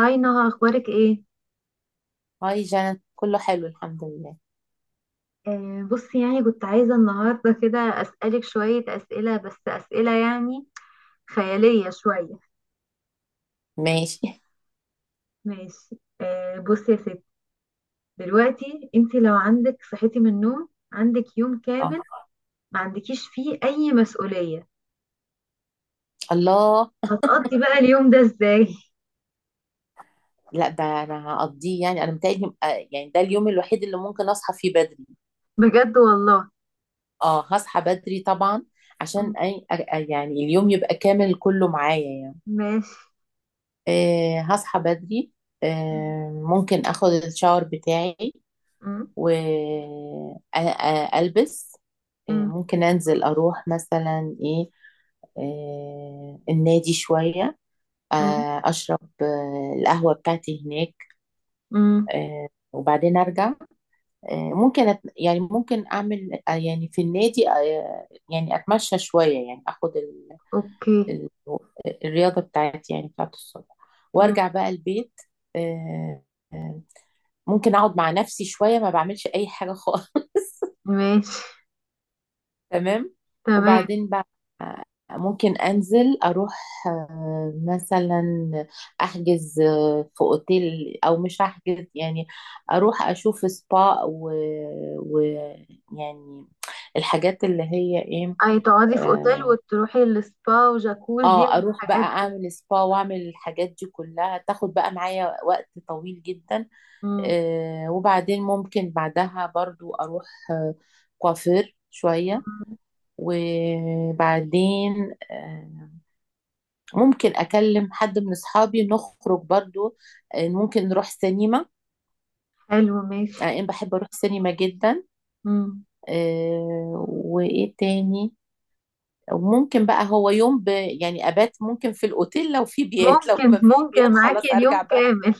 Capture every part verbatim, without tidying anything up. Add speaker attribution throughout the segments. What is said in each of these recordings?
Speaker 1: هاي نهى، اخبارك ايه؟
Speaker 2: هاي جنى، كله حلو الحمد لله.
Speaker 1: آه بصي، يعني كنت عايزه النهارده كده اسالك شويه اسئله، بس اسئله يعني خياليه شويه.
Speaker 2: ماشي.
Speaker 1: ماشي، آه بصي يا ستي، دلوقتي انت لو عندك، صحيتي من النوم عندك يوم
Speaker 2: اه.
Speaker 1: كامل، ما عندكيش فيه اي مسؤوليه،
Speaker 2: الله.
Speaker 1: هتقضي بقى اليوم ده ازاي؟
Speaker 2: لا، ده انا هقضيه، يعني انا متهيألي آه، يعني ده اليوم الوحيد اللي ممكن اصحى فيه بدري.
Speaker 1: بجد والله.
Speaker 2: اه هصحى بدري طبعا، عشان
Speaker 1: م-
Speaker 2: أي أ- أ- يعني اليوم يبقى كامل كله معايا يعني.
Speaker 1: ماشي.
Speaker 2: آه هصحى بدري.
Speaker 1: م-
Speaker 2: آه ممكن اخد الشاور بتاعي
Speaker 1: م-
Speaker 2: والبس. آه
Speaker 1: م-
Speaker 2: ممكن انزل اروح مثلا ايه، آه النادي شوية.
Speaker 1: م-
Speaker 2: آه، أشرب آه، القهوة بتاعتي هناك.
Speaker 1: م-
Speaker 2: آه، وبعدين أرجع. آه، ممكن أت... يعني ممكن أعمل آه، يعني في النادي آه، يعني أتمشى شوية، يعني أخد ال...
Speaker 1: اوكي.
Speaker 2: ال... الرياضة بتاعتي، يعني بتاعت الصبح،
Speaker 1: م-
Speaker 2: وأرجع بقى البيت. آه، آه، ممكن أقعد مع نفسي شوية، ما بعملش أي حاجة خالص.
Speaker 1: ماشي.
Speaker 2: تمام.
Speaker 1: تمام.
Speaker 2: وبعدين بقى ممكن انزل اروح آه، مثلا احجز آه، في اوتيل، او مش احجز، يعني اروح اشوف سبا و... و يعني الحاجات اللي هي ايه.
Speaker 1: اي، تقعدي في اوتيل وتروحي للسبا وجاكوزي
Speaker 2: اه اروح بقى
Speaker 1: والحاجات دي.
Speaker 2: اعمل سبا واعمل الحاجات دي كلها، تاخد بقى معايا وقت طويل جدا.
Speaker 1: امم.
Speaker 2: آه وبعدين ممكن بعدها برضو اروح آه، كوافير شوية.
Speaker 1: مم.
Speaker 2: وبعدين آه، ممكن اكلم حد من اصحابي نخرج برضو، آه، ممكن نروح سينما.
Speaker 1: حلو ماشي.
Speaker 2: آه، انا بحب اروح سينما جدا.
Speaker 1: امم.
Speaker 2: آه، وايه تاني؟ وممكن بقى هو يوم ب... يعني ابات ممكن في الاوتيل، لو في بيات لو
Speaker 1: ممكن
Speaker 2: ما فيش بيات
Speaker 1: ممكن معاكي
Speaker 2: خلاص
Speaker 1: اليوم
Speaker 2: ارجع بقى.
Speaker 1: كامل.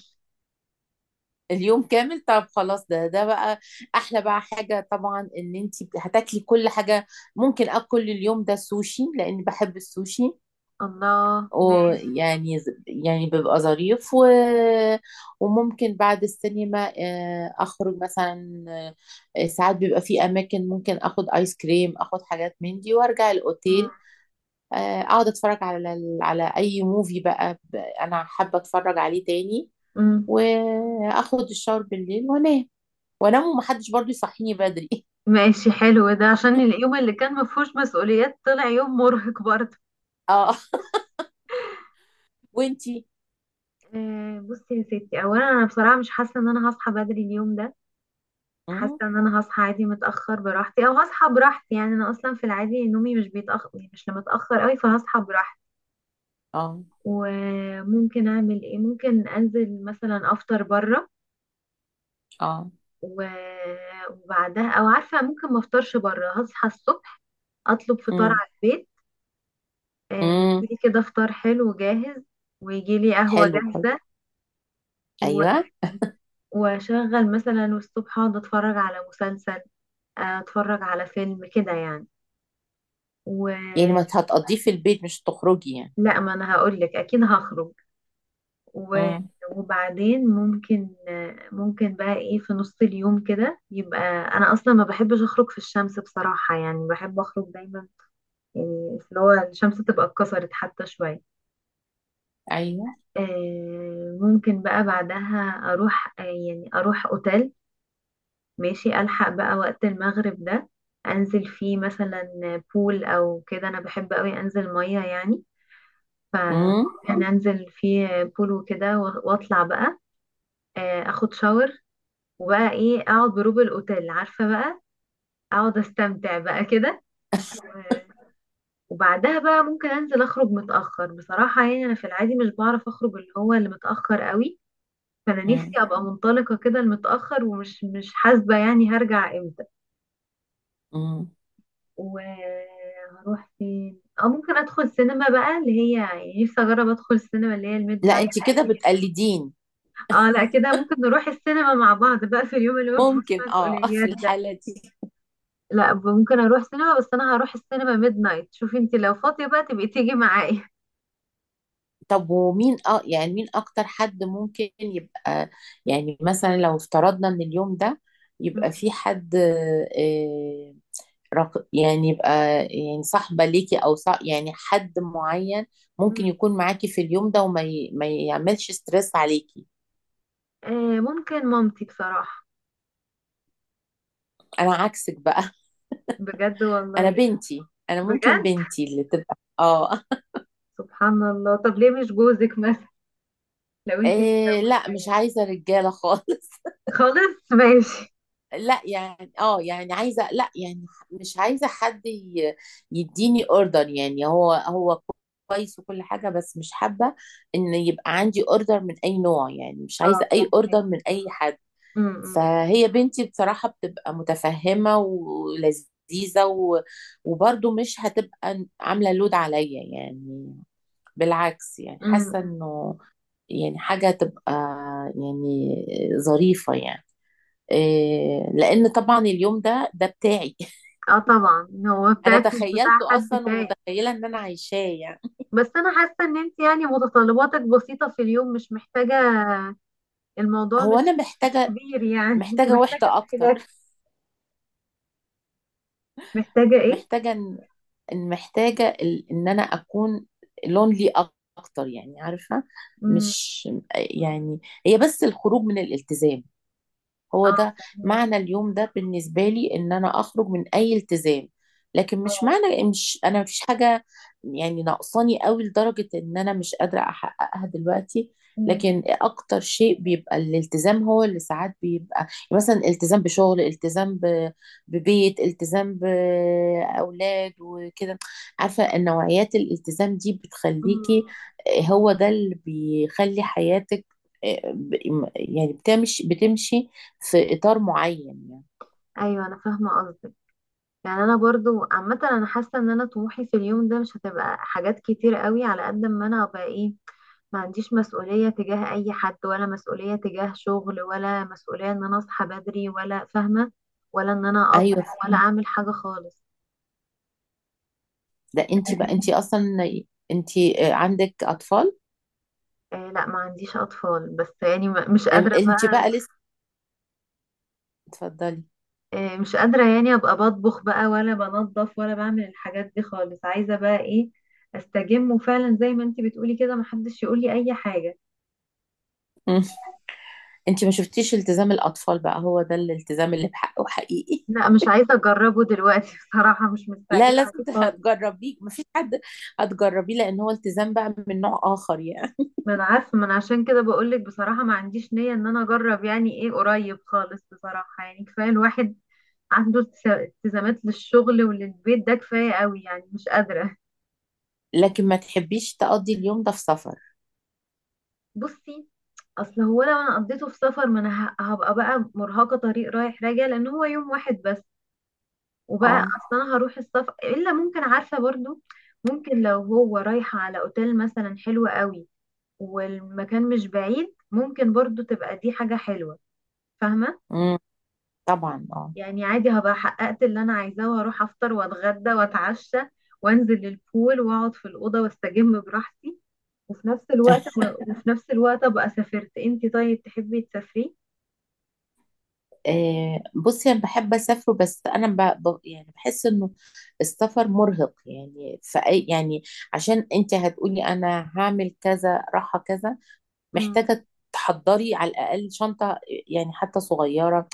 Speaker 2: اليوم كامل، طب خلاص، ده ده بقى احلى بقى حاجة، طبعا ان انت هتاكلي كل حاجة. ممكن اكل اليوم ده سوشي لان بحب السوشي،
Speaker 1: الله، ماشي.
Speaker 2: ويعني يعني بيبقى ظريف و... وممكن بعد السينما آه، اخرج مثلا. آه، ساعات بيبقى في اماكن ممكن اخد ايس كريم، اخد حاجات من دي وارجع
Speaker 1: مم.
Speaker 2: الاوتيل. آه، اقعد اتفرج على ال- على اي موفي بقى، ب- انا حابه اتفرج عليه تاني،
Speaker 1: مم.
Speaker 2: واخد الشاور بالليل وانام. وانام ومحدش برضو يصحيني بدري.
Speaker 1: ماشي حلو، ده عشان اليوم اللي كان مفهوش مسؤوليات طلع يوم مرهق برضه.
Speaker 2: اه. وانتي؟
Speaker 1: آه، بصي يا ستي، اولا انا بصراحة مش حاسة ان انا هصحى بدري اليوم ده. حاسة
Speaker 2: مم،
Speaker 1: ان انا هصحى عادي متأخر براحتي، او هصحى براحتي، يعني انا اصلا في العادي نومي مش بيتأخر، مش متأخر قوي، فهصحى براحتي.
Speaker 2: اه،
Speaker 1: وممكن اعمل ايه؟ ممكن انزل مثلا افطر بره.
Speaker 2: اه.
Speaker 1: و- وبعدها، او عارفه، ممكن ما افطرش بره، هصحى الصبح اطلب فطار
Speaker 2: مم،
Speaker 1: على البيت. آه،
Speaker 2: مم،
Speaker 1: يجيلي كده فطار حلو جاهز، ويجيلي قهوه
Speaker 2: حلو برضو.
Speaker 1: جاهزه. و-
Speaker 2: ايوه.
Speaker 1: واشغل مثلا، والصبح اقعد اتفرج على مسلسل. آه، اتفرج على فيلم كده يعني، ولا.
Speaker 2: يعني ما هتقضيه في البيت، مش تخرجي يعني؟
Speaker 1: ما انا هقول لك، اكيد هخرج. و-
Speaker 2: امم.
Speaker 1: وبعدين ممكن ممكن بقى ايه في نص اليوم كده يبقى. انا اصلا ما بحبش اخرج في الشمس بصراحة، يعني بحب اخرج دايما، يعني في اللي هو الشمس تبقى اتكسرت حتى شوية.
Speaker 2: ايوه.
Speaker 1: آه، ممكن بقى بعدها اروح، آه، يعني اروح اوتيل. ماشي، الحق بقى وقت المغرب ده، انزل فيه مثلا بول او كده، انا بحب قوي انزل مية يعني. ف
Speaker 2: امم.
Speaker 1: يعني انزل فيه بول وكده، و- واطلع بقى. آه، اخد شاور، وبقى ايه، اقعد بروب الاوتيل، عارفه بقى، اقعد استمتع بقى كده. و- وبعدها بقى ممكن انزل اخرج متاخر بصراحه، يعني انا في العادي مش بعرف اخرج اللي هو اللي متاخر قوي، فانا نفسي
Speaker 2: امم.
Speaker 1: ابقى منطلقه كده المتاخر، ومش مش حاسبه يعني هرجع امتى،
Speaker 2: امم.
Speaker 1: وهروح فين. اه، ممكن ادخل سينما بقى اللي هي، يعني نفسي اجرب ادخل سينما اللي هي الميد
Speaker 2: لا
Speaker 1: نايت.
Speaker 2: انت كده بتقلدين.
Speaker 1: اه لا، كده ممكن نروح السينما مع بعض بقى في اليوم اللي هو مفيهوش
Speaker 2: ممكن اه في
Speaker 1: مسؤوليات ده.
Speaker 2: الحالة دي.
Speaker 1: لا، ممكن اروح سينما، بس انا هروح السينما ميد نايت، شوفي انت لو فاضية بقى تبقي تيجي معايا.
Speaker 2: طب ومين اه، يعني مين اكتر حد ممكن يبقى، يعني مثلا لو افترضنا ان اليوم ده يبقى
Speaker 1: مم.
Speaker 2: في حد آه رق- يعني يبقى، يعني صاحبة ليكي او صاح، يعني حد معين
Speaker 1: مم.
Speaker 2: ممكن يكون معاكي في اليوم ده وما ي... ما يعملش ستريس عليكي.
Speaker 1: آه، ممكن مامتي بصراحة.
Speaker 2: انا عكسك بقى.
Speaker 1: بجد
Speaker 2: انا
Speaker 1: والله.
Speaker 2: بنتي، انا ممكن
Speaker 1: بجد.
Speaker 2: بنتي اللي تبقى اه.
Speaker 1: سبحان الله، طب ليه مش جوزك مثلا لو انت متجوزة
Speaker 2: إيه، لا مش
Speaker 1: يعني؟
Speaker 2: عايزه رجاله خالص.
Speaker 1: خالص، ماشي.
Speaker 2: لا يعني اه يعني عايزه، لا يعني مش عايزه حد ي- يديني اوردر، يعني هو هو كويس وكل حاجه، بس مش حابه ان يبقى عندي اوردر من اي نوع، يعني مش
Speaker 1: اه،
Speaker 2: عايزه اي
Speaker 1: فاهمة.
Speaker 2: اوردر من اي حد.
Speaker 1: امم.
Speaker 2: فهي بنتي بصراحه بتبقى متفهمه ولذيذه و... وبرضه مش هتبقى عامله لود عليا يعني، بالعكس يعني حاسه
Speaker 1: امم.
Speaker 2: انه يعني حاجة تبقى يعني ظريفة يعني. إيه، لأن طبعا اليوم ده ده بتاعي.
Speaker 1: اه طبعا، هو
Speaker 2: أنا
Speaker 1: بتاعك مش بتاع
Speaker 2: تخيلته
Speaker 1: حد
Speaker 2: أصلا
Speaker 1: تاني.
Speaker 2: ومتخيلة إن أنا عايشاه يعني.
Speaker 1: بس انا حاسه ان انت يعني متطلباتك بسيطه في اليوم، مش محتاجه، الموضوع
Speaker 2: هو أنا
Speaker 1: مش مش
Speaker 2: محتاجة،
Speaker 1: كبير يعني، انت
Speaker 2: محتاجة وحدة
Speaker 1: محتاجه في
Speaker 2: أكتر.
Speaker 1: الاكل. محتاجه ايه؟
Speaker 2: محتاجة إن إن- محتاجة ال- إن أنا أكون لونلي أكتر، يعني عارفة.
Speaker 1: امم.
Speaker 2: مش يعني، هي بس الخروج من الالتزام، هو
Speaker 1: اه،
Speaker 2: ده
Speaker 1: فهمت.
Speaker 2: معنى اليوم ده بالنسبة لي، ان انا اخرج من اي التزام. لكن مش
Speaker 1: اه.
Speaker 2: معنى مش انا مفيش حاجة يعني ناقصاني قوي لدرجة ان انا مش قادرة احققها دلوقتي.
Speaker 1: امم.
Speaker 2: لكن اكتر شيء بيبقى الالتزام، هو اللي ساعات بيبقى، يعني مثلا التزام بشغل، التزام ب- ببيت، التزام باولاد وكده. عارفة النوعيات الالتزام دي
Speaker 1: امم.
Speaker 2: بتخليكي، هو ده اللي بيخلي حياتك، يعني بتمشي بتمشي في اطار معين يعني.
Speaker 1: ايوه، انا فاهمه قصدك. يعني انا برضو عامه، انا حاسه ان انا طموحي في اليوم ده مش هتبقى حاجات كتير قوي، على قد ما انا ابقى ايه، ما عنديش مسؤوليه تجاه اي حد، ولا مسؤوليه تجاه شغل، ولا مسؤوليه ان انا اصحى بدري، ولا فاهمه، ولا ان انا اطبخ،
Speaker 2: ايوه.
Speaker 1: ولا اعمل حاجه خالص.
Speaker 2: ده انت بقى، انت اصلا، انت عندك اطفال.
Speaker 1: آه لا، ما عنديش اطفال، بس يعني م- مش قادره
Speaker 2: انت
Speaker 1: بقى.
Speaker 2: بقى لسه. اتفضلي.
Speaker 1: آه، مش قادرة يعني ابقى بطبخ بقى، ولا بنظف، ولا بعمل الحاجات دي خالص. عايزة بقى ايه، استجم، وفعلا زي ما انتي بتقولي كده، محدش يقولي اي حاجة.
Speaker 2: مم. انت ما شفتيش التزام الاطفال بقى، هو ده الالتزام اللي بحقه حقيقي.
Speaker 1: لا، مش عايزة اجربه دلوقتي. بصراحة مش
Speaker 2: لا
Speaker 1: مستعجلة
Speaker 2: لازم
Speaker 1: عليه خالص.
Speaker 2: هتجربيه، مفيش حد، هتجربيه لان هو التزام بقى من نوع اخر يعني.
Speaker 1: ما انا عارفة، ما انا عشان كده بقولك بصراحة، ما عنديش نية ان انا اجرب يعني ايه قريب خالص بصراحة، يعني كفاية الواحد عنده التزا- التزامات للشغل وللبيت، ده كفاية قوي يعني، مش قادرة.
Speaker 2: لكن ما تحبيش تقضي اليوم ده في سفر؟
Speaker 1: بصي، اصل هو لو انا قضيته في سفر، ما انا ه- هبقى بقى مرهقه، طريق رايح راجع، لان هو يوم واحد بس. وبقى،
Speaker 2: اه.
Speaker 1: اصل انا هروح السفر الا، ممكن عارفه برضو، ممكن لو هو رايحه على اوتيل مثلا حلو قوي والمكان مش بعيد، ممكن برضو تبقى دي حاجه حلوه، فاهمه؟
Speaker 2: امم. طبعا اه.
Speaker 1: يعني عادي، هبقى حققت اللي انا عايزاه، وهروح افطر واتغدى واتعشى، وانزل البول واقعد في الاوضه واستجم براحتي، وفي نفس الوقت وفي نفس الوقت ابقى سافرت. انتي طيب، تحبي تسافري؟
Speaker 2: آه، بصي، انا بحب اسافر، بس انا ب... ب... يعني بحس انه السفر مرهق، يعني فأي يعني. عشان انت هتقولي انا هعمل كذا راحة كذا، محتاجة تحضري على الاقل شنطة، يعني حتى صغيرة.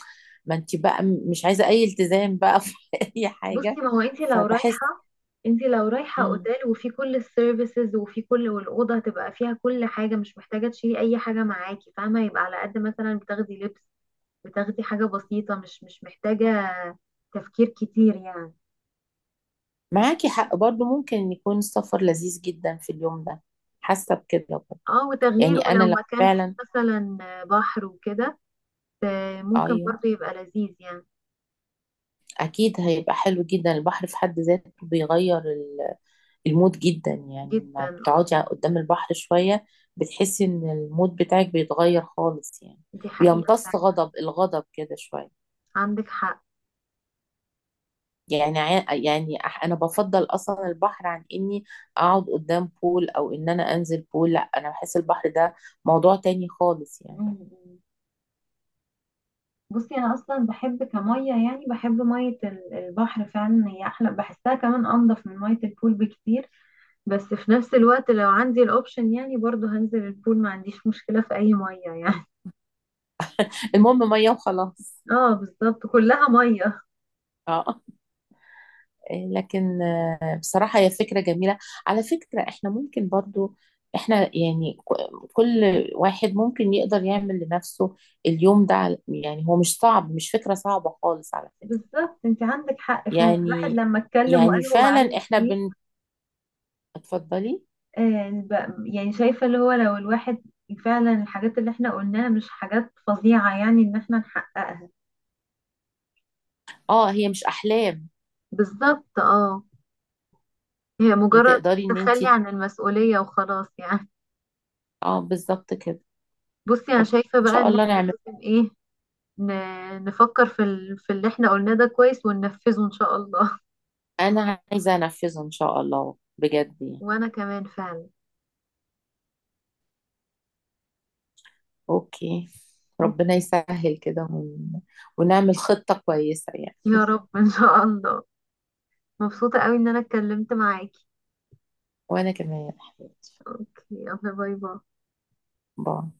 Speaker 2: ما انت بقى م- مش عايزة اي التزام بقى في اي
Speaker 1: بصي،
Speaker 2: حاجة.
Speaker 1: ما هو انت لو
Speaker 2: فبحس.
Speaker 1: رايحه انت لو رايحه
Speaker 2: مم.
Speaker 1: اوتيل، وفي كل السيرفيسز، وفي كل والاوضه هتبقى فيها كل حاجه، مش محتاجه تشيلي اي حاجه معاكي، فاهمه؟ يبقى على قد مثلا بتاخدي لبس، بتاخدي حاجه بسيطه، مش مش محتاجه تفكير كتير يعني.
Speaker 2: معاكي حق، برضو ممكن يكون السفر لذيذ جدا في اليوم ده، حاسة بكده برضو.
Speaker 1: اه،
Speaker 2: يعني
Speaker 1: وتغيير،
Speaker 2: انا
Speaker 1: ولو
Speaker 2: لو
Speaker 1: مكان فيه
Speaker 2: فعلا.
Speaker 1: مثلا بحر وكده، آه، ممكن
Speaker 2: ايوه.
Speaker 1: برضه يبقى لذيذ يعني.
Speaker 2: أكيد هيبقى حلو جدا، البحر في حد ذاته بيغير ال- المود جدا، يعني
Speaker 1: جدا
Speaker 2: لما
Speaker 1: اه.
Speaker 2: بتقعدي قدام البحر شوية بتحسي إن المود بتاعك بيتغير خالص يعني،
Speaker 1: دي حقيقه
Speaker 2: بيمتص
Speaker 1: فعلا.
Speaker 2: غضب الغضب كده شوية.
Speaker 1: عندك حق.
Speaker 2: يعني ع- يعني أح- أنا بفضل أصلا البحر عن إني أقعد قدام بول، أو إن أنا أنزل بول، لا أنا بحس البحر ده موضوع تاني خالص يعني.
Speaker 1: مم. بصي، انا اصلا بحب كميه، يعني بحب ميه ال- البحر، فعلا هي احلى بحسها، كمان انضف من ميه البول بكتير. بس في نفس الوقت لو عندي الاوبشن يعني، برضو هنزل البول، ما عنديش مشكله في اي ميه يعني.
Speaker 2: المهم مية وخلاص.
Speaker 1: اه بالظبط، كلها ميه.
Speaker 2: اه. لكن آه، بصراحة هي فكرة جميلة. على فكرة احنا ممكن برضو، احنا يعني ك- كل واحد ممكن يقدر يعمل لنفسه اليوم ده على، يعني هو مش صعب، مش فكرة صعبة خالص على فكرة.
Speaker 1: بالظبط، انت عندك حق فعلا، الواحد
Speaker 2: يعني
Speaker 1: لما اتكلم
Speaker 2: يعني
Speaker 1: وقال هو
Speaker 2: فعلا
Speaker 1: عايز
Speaker 2: احنا
Speaker 1: ايه.
Speaker 2: بن اتفضلي.
Speaker 1: آه ب- يعني شايفه اللي هو لو الواحد فعلا، الحاجات اللي احنا قلناها مش حاجات فظيعه يعني ان احنا نحققها.
Speaker 2: اه هي مش احلام.
Speaker 1: بالظبط اه، هي
Speaker 2: يعني
Speaker 1: مجرد
Speaker 2: تقدري ان انت.
Speaker 1: تخلي عن المسؤولية وخلاص يعني.
Speaker 2: اه بالظبط كده.
Speaker 1: بصي، أنا شايفة
Speaker 2: ان
Speaker 1: بقى
Speaker 2: شاء
Speaker 1: إن
Speaker 2: الله
Speaker 1: احنا
Speaker 2: نعمل.
Speaker 1: لازم إيه، ن- نفكر في ال... في اللي احنا قلناه ده كويس، وننفذه إن شاء الله.
Speaker 2: انا عايزة انفذه ان شاء الله بجد يعني.
Speaker 1: وأنا كمان فعلا.
Speaker 2: اوكي. ربنا
Speaker 1: أوكي.
Speaker 2: يسهل كده ون... ونعمل خطة كويسة يعني.
Speaker 1: يا رب إن شاء الله. مبسوطة قوي إن أنا اتكلمت معاكي.
Speaker 2: وأنا كمان يا حبيبتي.
Speaker 1: يلا باي باي.
Speaker 2: باي.